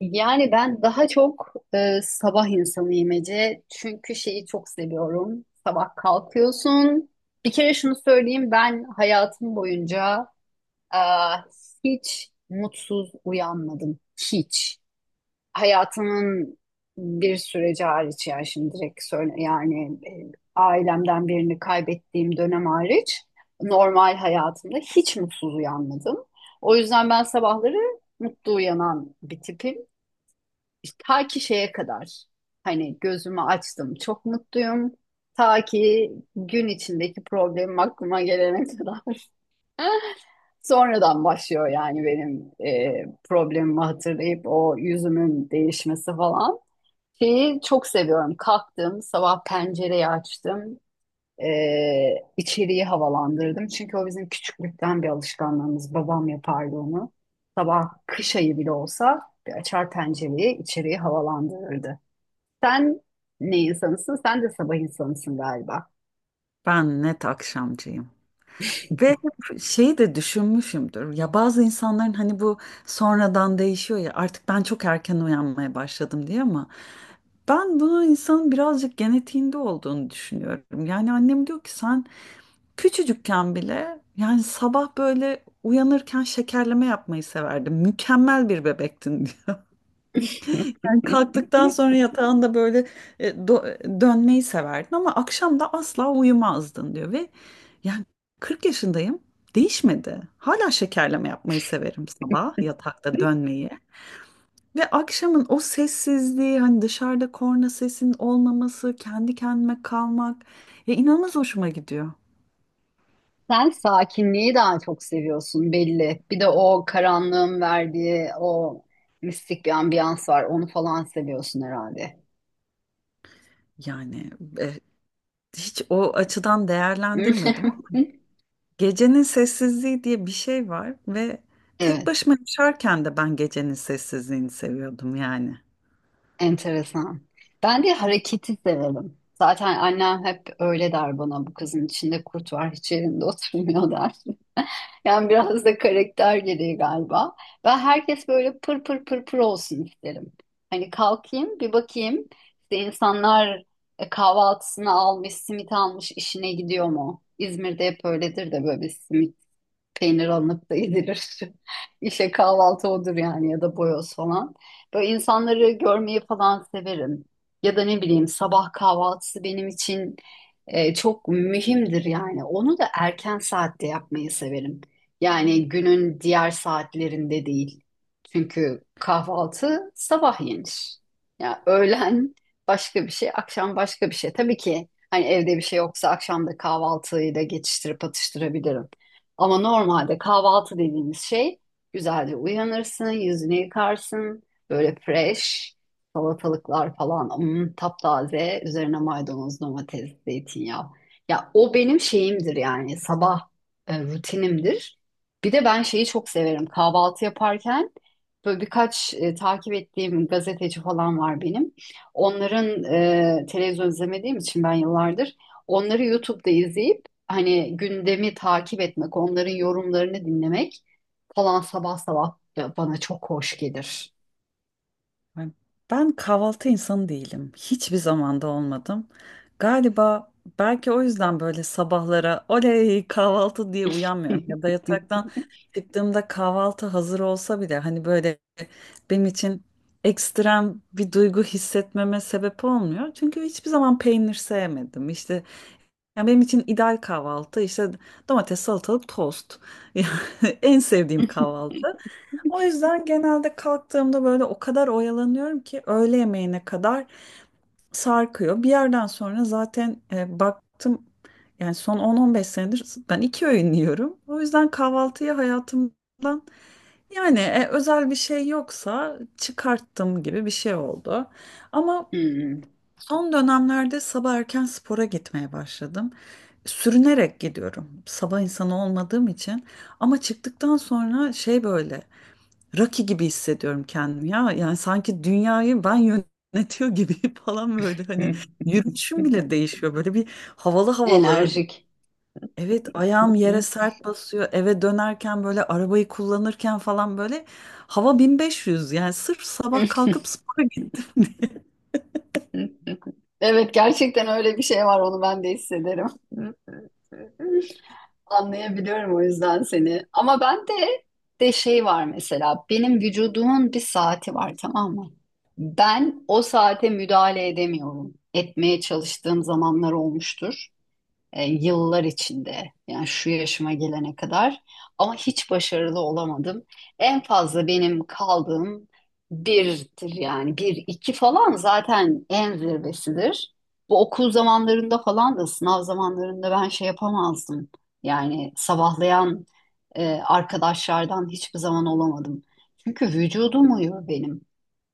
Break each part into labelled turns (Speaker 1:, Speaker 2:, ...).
Speaker 1: Yani ben daha çok sabah insanıyım Ece. Çünkü şeyi çok seviyorum. Sabah kalkıyorsun. Bir kere şunu söyleyeyim ben hayatım boyunca e, hiç mutsuz uyanmadım. Hiç. Hayatımın bir süreci hariç, yani şimdi direkt söyle, yani ailemden birini kaybettiğim dönem hariç normal hayatımda hiç mutsuz uyanmadım. O yüzden ben sabahları mutlu uyanan bir tipim. İşte ta ki şeye kadar, hani gözümü açtım çok mutluyum. Ta ki gün içindeki problemim aklıma gelene kadar. Sonradan başlıyor yani benim problemimi hatırlayıp o yüzümün değişmesi falan. Şeyi çok seviyorum. Kalktım, sabah pencereyi açtım. E, içeriği havalandırdım. Çünkü o bizim küçüklükten bir alışkanlığımız. Babam yapardı onu. Sabah kış ayı bile olsa bir açar pencereyi, içeriği havalandırırdı. Sen ne insanısın? Sen de sabah insanısın galiba.
Speaker 2: Ben net akşamcıyım. Ve hep şeyi de düşünmüşümdür. Ya bazı insanların hani bu sonradan değişiyor ya artık ben çok erken uyanmaya başladım diye ama ben bunu insanın birazcık genetiğinde olduğunu düşünüyorum. Yani annem diyor ki sen küçücükken bile yani sabah böyle uyanırken şekerleme yapmayı severdin. Mükemmel bir bebektin yani kalktıktan sonra yatağında böyle dönmeyi severdin ama akşam da asla uyumazdın diyor ve yani 40 yaşındayım değişmedi. Hala şekerleme yapmayı severim sabah yatakta dönmeyi. Ve akşamın o sessizliği hani dışarıda korna sesinin olmaması, kendi kendime kalmak ya inanılmaz hoşuma gidiyor.
Speaker 1: Sen sakinliği daha çok seviyorsun belli. Bir de o karanlığın verdiği o mistik bir ambiyans var. Onu falan seviyorsun herhalde.
Speaker 2: Yani e, Hiç o açıdan değerlendirmedim. Gecenin sessizliği diye bir şey var ve tek
Speaker 1: Evet.
Speaker 2: başıma yaşarken de ben gecenin sessizliğini seviyordum yani.
Speaker 1: Enteresan. Ben de hareketi severim. Zaten annem hep öyle der bana, bu kızın içinde kurt var, hiç yerinde oturmuyor der. Yani biraz da karakter gereği galiba. Ben herkes böyle pır pır pır pır olsun isterim. Hani kalkayım bir bakayım işte insanlar kahvaltısını almış, simit almış, işine gidiyor mu? İzmir'de hep öyledir de, böyle bir simit peynir alınıp da yedilir. İşte kahvaltı odur yani, ya da boyoz falan. Böyle insanları görmeyi falan severim. Ya da ne bileyim, sabah kahvaltısı benim için çok mühimdir yani. Onu da erken saatte yapmayı severim. Yani günün diğer saatlerinde değil. Çünkü kahvaltı sabah yenir. Ya öğlen başka bir şey, akşam başka bir şey. Tabii ki hani evde bir şey yoksa akşam da kahvaltıyla geçiştirip atıştırabilirim. Ama normalde kahvaltı dediğimiz şey, güzelce uyanırsın, yüzünü yıkarsın, böyle fresh salatalıklar falan, taptaze, üzerine maydanoz, domates, zeytinyağı. Ya o benim şeyimdir yani, sabah rutinimdir. Bir de ben şeyi çok severim kahvaltı yaparken, böyle birkaç takip ettiğim gazeteci falan var benim. Onların televizyon izlemediğim için ben yıllardır onları YouTube'da izleyip hani gündemi takip etmek, onların yorumlarını dinlemek falan sabah sabah bana çok hoş gelir.
Speaker 2: Yani ben kahvaltı insanı değilim. Hiçbir zamanda olmadım. Galiba belki o yüzden böyle sabahlara oley kahvaltı diye uyanmıyorum ya da yataktan çıktığımda kahvaltı hazır olsa bile hani böyle benim için ekstrem bir duygu hissetmeme sebep olmuyor. Çünkü hiçbir zaman peynir sevmedim. İşte yani benim için ideal kahvaltı işte domates, salatalık, tost. Yani en sevdiğim kahvaltı. O yüzden genelde kalktığımda böyle o kadar oyalanıyorum ki öğle yemeğine kadar sarkıyor. Bir yerden sonra zaten baktım yani son 10-15 senedir ben iki öğün yiyorum. O yüzden kahvaltıya hayatımdan yani özel bir şey yoksa çıkarttım gibi bir şey oldu. Ama
Speaker 1: Hmm.
Speaker 2: son dönemlerde sabah erken spora gitmeye başladım. Sürünerek gidiyorum. Sabah insanı olmadığım için. Ama çıktıktan sonra şey böyle Rocky gibi hissediyorum kendimi ya. Yani sanki dünyayı ben yönetiyor gibi falan böyle hani yürüyüşüm bile değişiyor. Böyle bir havalı havalı.
Speaker 1: Enerjik.
Speaker 2: Evet, ayağım yere sert basıyor. Eve dönerken böyle arabayı kullanırken falan böyle hava 1500. Yani sırf sabah kalkıp spora gittim.
Speaker 1: Evet, gerçekten öyle bir şey var, onu ben de hissederim. Anlayabiliyorum, o yüzden seni. Ama ben de şey var mesela. Benim vücudumun bir saati var, tamam mı? Ben o saate müdahale edemiyorum. Etmeye çalıştığım zamanlar olmuştur yıllar içinde, yani şu yaşıma gelene kadar, ama hiç başarılı olamadım. En fazla benim kaldığım birdir yani, bir iki falan zaten en zirvesidir. Bu okul zamanlarında falan da, sınav zamanlarında ben şey yapamazdım. Yani sabahlayan arkadaşlardan hiçbir zaman olamadım. Çünkü vücudum uyuyor benim.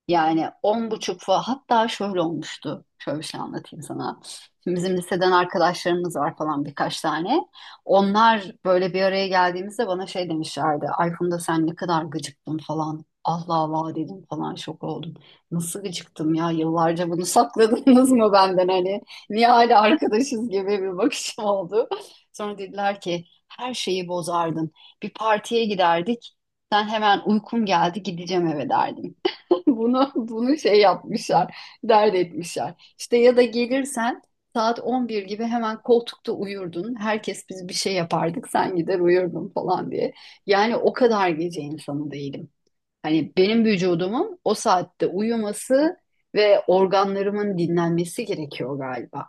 Speaker 1: Yani on buçuk falan, hatta şöyle olmuştu. Şöyle bir şey anlatayım sana. Şimdi bizim liseden arkadaşlarımız var falan, birkaç tane. Onlar böyle bir araya geldiğimizde bana şey demişlerdi. Ay Funda, sen ne kadar gıcıktın falan. Allah Allah dedim falan, şok oldum. Nasıl gıcıktım ya, yıllarca bunu sakladınız mı benden hani? Niye hala arkadaşız gibi bir bakışım oldu. Sonra dediler ki her şeyi bozardın. Bir partiye giderdik. Sen hemen uykum geldi, gideceğim eve derdin. Bunu şey yapmışlar, dert etmişler. İşte ya da gelirsen saat 11 gibi hemen koltukta uyurdun. Herkes biz bir şey yapardık, sen gider uyurdun falan diye. Yani o kadar gece insanı değilim. Hani benim vücudumun o saatte uyuması ve organlarımın dinlenmesi gerekiyor galiba.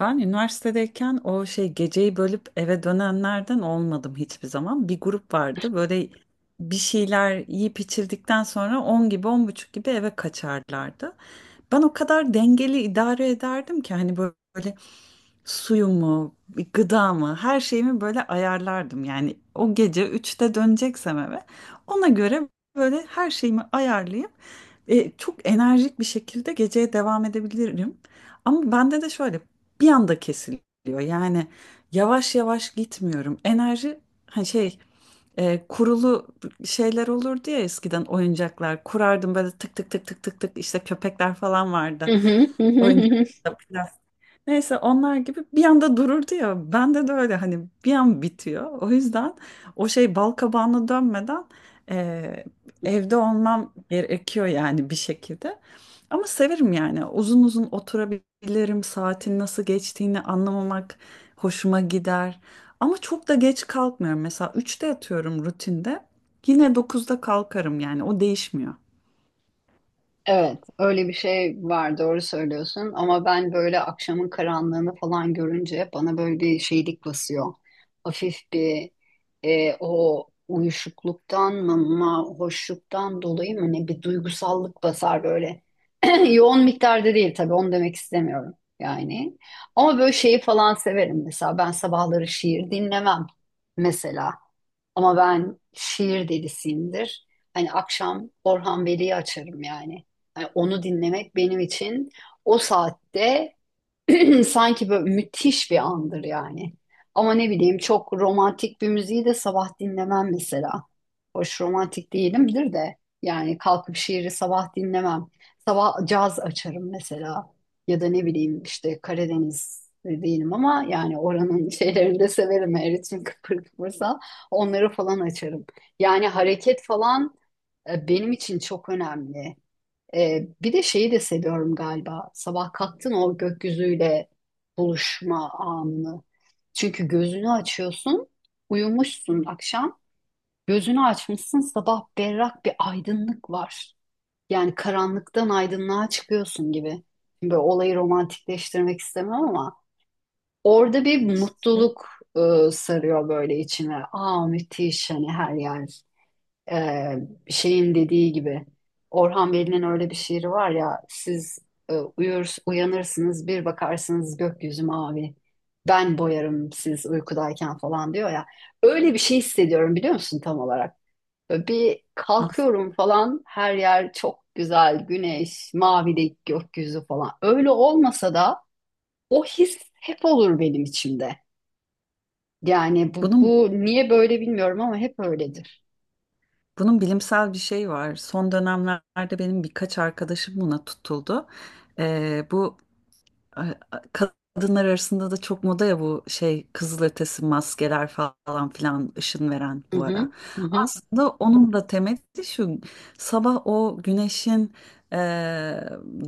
Speaker 2: Ben üniversitedeyken o şey geceyi bölüp eve dönenlerden olmadım hiçbir zaman. Bir grup vardı böyle bir şeyler yiyip içildikten sonra 10 gibi 10:30 gibi eve kaçarlardı. Ben o kadar dengeli idare ederdim ki hani böyle suyumu, bir gıdamı, her şeyimi böyle ayarlardım. Yani o gece 3'te döneceksem eve ona göre böyle her şeyimi ayarlayıp çok enerjik bir şekilde geceye devam edebilirim. Ama bende de şöyle bir anda kesiliyor. Yani yavaş yavaş gitmiyorum. Enerji hani şey kurulu şeyler olurdu ya, eskiden oyuncaklar kurardım böyle tık tık tık tık tık tık, işte köpekler falan vardı oyuncak. Neyse, onlar gibi bir anda dururdu ya. Bende de öyle hani bir an bitiyor. O yüzden o şey bal kabağına dönmeden eee, evde olmam gerekiyor yani bir şekilde. Ama severim yani uzun uzun oturabilirim. Saatin nasıl geçtiğini anlamamak hoşuma gider. Ama çok da geç kalkmıyorum. Mesela 3'te yatıyorum rutinde. Yine 9'da kalkarım yani o değişmiyor.
Speaker 1: Evet, öyle bir şey var, doğru söylüyorsun. Ama ben böyle akşamın karanlığını falan görünce bana böyle bir şeylik basıyor. Hafif bir o uyuşukluktan mı, hoşluktan dolayı mı ne, bir duygusallık basar böyle. Yoğun miktarda değil tabii, onu demek istemiyorum yani. Ama böyle şeyi falan severim mesela. Ben sabahları şiir dinlemem mesela. Ama ben şiir delisiyimdir. Hani akşam Orhan Veli'yi açarım yani. Hani onu dinlemek benim için o saatte. Sanki böyle müthiş bir andır yani. Ama ne bileyim, çok romantik bir müziği de sabah dinlemem mesela. Hoş romantik değilimdir de yani, kalkıp şiiri sabah dinlemem. Sabah caz açarım mesela. Ya da ne bileyim, işte Karadeniz değilim ama yani oranın şeylerini de severim. Her ritim kıpır kıpırsa onları falan açarım. Yani hareket falan benim için çok önemli. Bir de şeyi de seviyorum galiba. Sabah kalktın, o gökyüzüyle buluşma anını. Çünkü gözünü açıyorsun, uyumuşsun akşam. Gözünü açmışsın sabah, berrak bir aydınlık var. Yani karanlıktan aydınlığa çıkıyorsun gibi. Böyle olayı romantikleştirmek istemem ama orada bir
Speaker 2: İşte
Speaker 1: mutluluk sarıyor böyle içine. Aa, müthiş, hani her yer, ee, şeyin dediği gibi, Orhan Veli'nin öyle bir şiiri var ya, siz uyur, uyanırsınız, bir bakarsınız gökyüzü mavi, ben boyarım siz uykudayken falan diyor ya. Öyle bir şey hissediyorum, biliyor musun, tam olarak. Böyle bir kalkıyorum falan, her yer çok güzel, güneş, mavi gökyüzü falan, öyle olmasa da o his hep olur benim içimde. Yani bu,
Speaker 2: bunun
Speaker 1: bu niye böyle bilmiyorum, ama hep öyledir.
Speaker 2: bunun bilimsel bir şey var. Son dönemlerde benim birkaç arkadaşım buna tutuldu. Bu a- kadınlar arasında da çok moda ya bu şey kızılötesi maskeler falan filan ışın veren
Speaker 1: Hı
Speaker 2: bu ara.
Speaker 1: hı, hı hı,
Speaker 2: Aslında onun da temeli şu: sabah o güneşin e,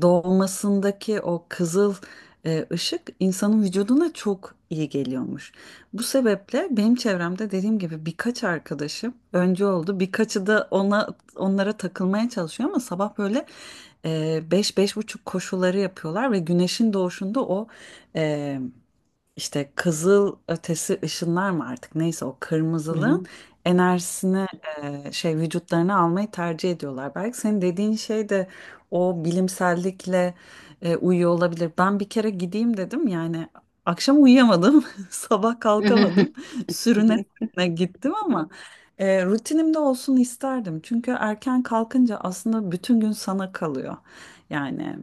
Speaker 2: doğmasındaki o kızıl ışık insanın vücuduna çok iyi geliyormuş. Bu sebeple benim çevremde dediğim gibi birkaç arkadaşım önce oldu. Birkaçı da onlara takılmaya çalışıyor ama sabah böyle 5 buçuk koşuları yapıyorlar ve güneşin doğuşunda o e, işte kızıl ötesi ışınlar mı artık neyse o kırmızılığın
Speaker 1: hı
Speaker 2: enerjisini vücutlarına almayı tercih ediyorlar. Belki senin dediğin şey de o bilimsellikle uyuyor olabilir. Ben bir kere gideyim dedim yani, akşam uyuyamadım, sabah
Speaker 1: hı.
Speaker 2: kalkamadım, sürüne
Speaker 1: Hı.
Speaker 2: sürüne gittim ama. Rutinimde olsun isterdim. Çünkü erken kalkınca aslında bütün gün sana kalıyor. Yani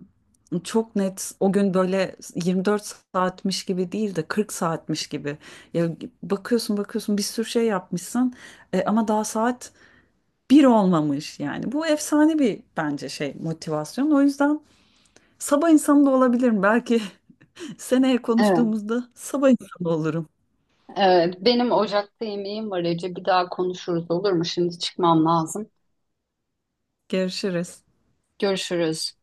Speaker 2: çok net o gün böyle 24 saatmiş gibi değil de 40 saatmiş gibi. Ya bakıyorsun bakıyorsun bir sürü şey yapmışsın ama daha saat bir olmamış yani. Bu efsane bir bence şey motivasyon. O yüzden sabah insanı da olabilirim. Belki seneye
Speaker 1: Evet,
Speaker 2: konuştuğumuzda sabah insanı olurum.
Speaker 1: evet. Benim ocakta yemeğim var Ece. Bir daha konuşuruz olur mu? Şimdi çıkmam lazım.
Speaker 2: Görüşürüz.
Speaker 1: Görüşürüz.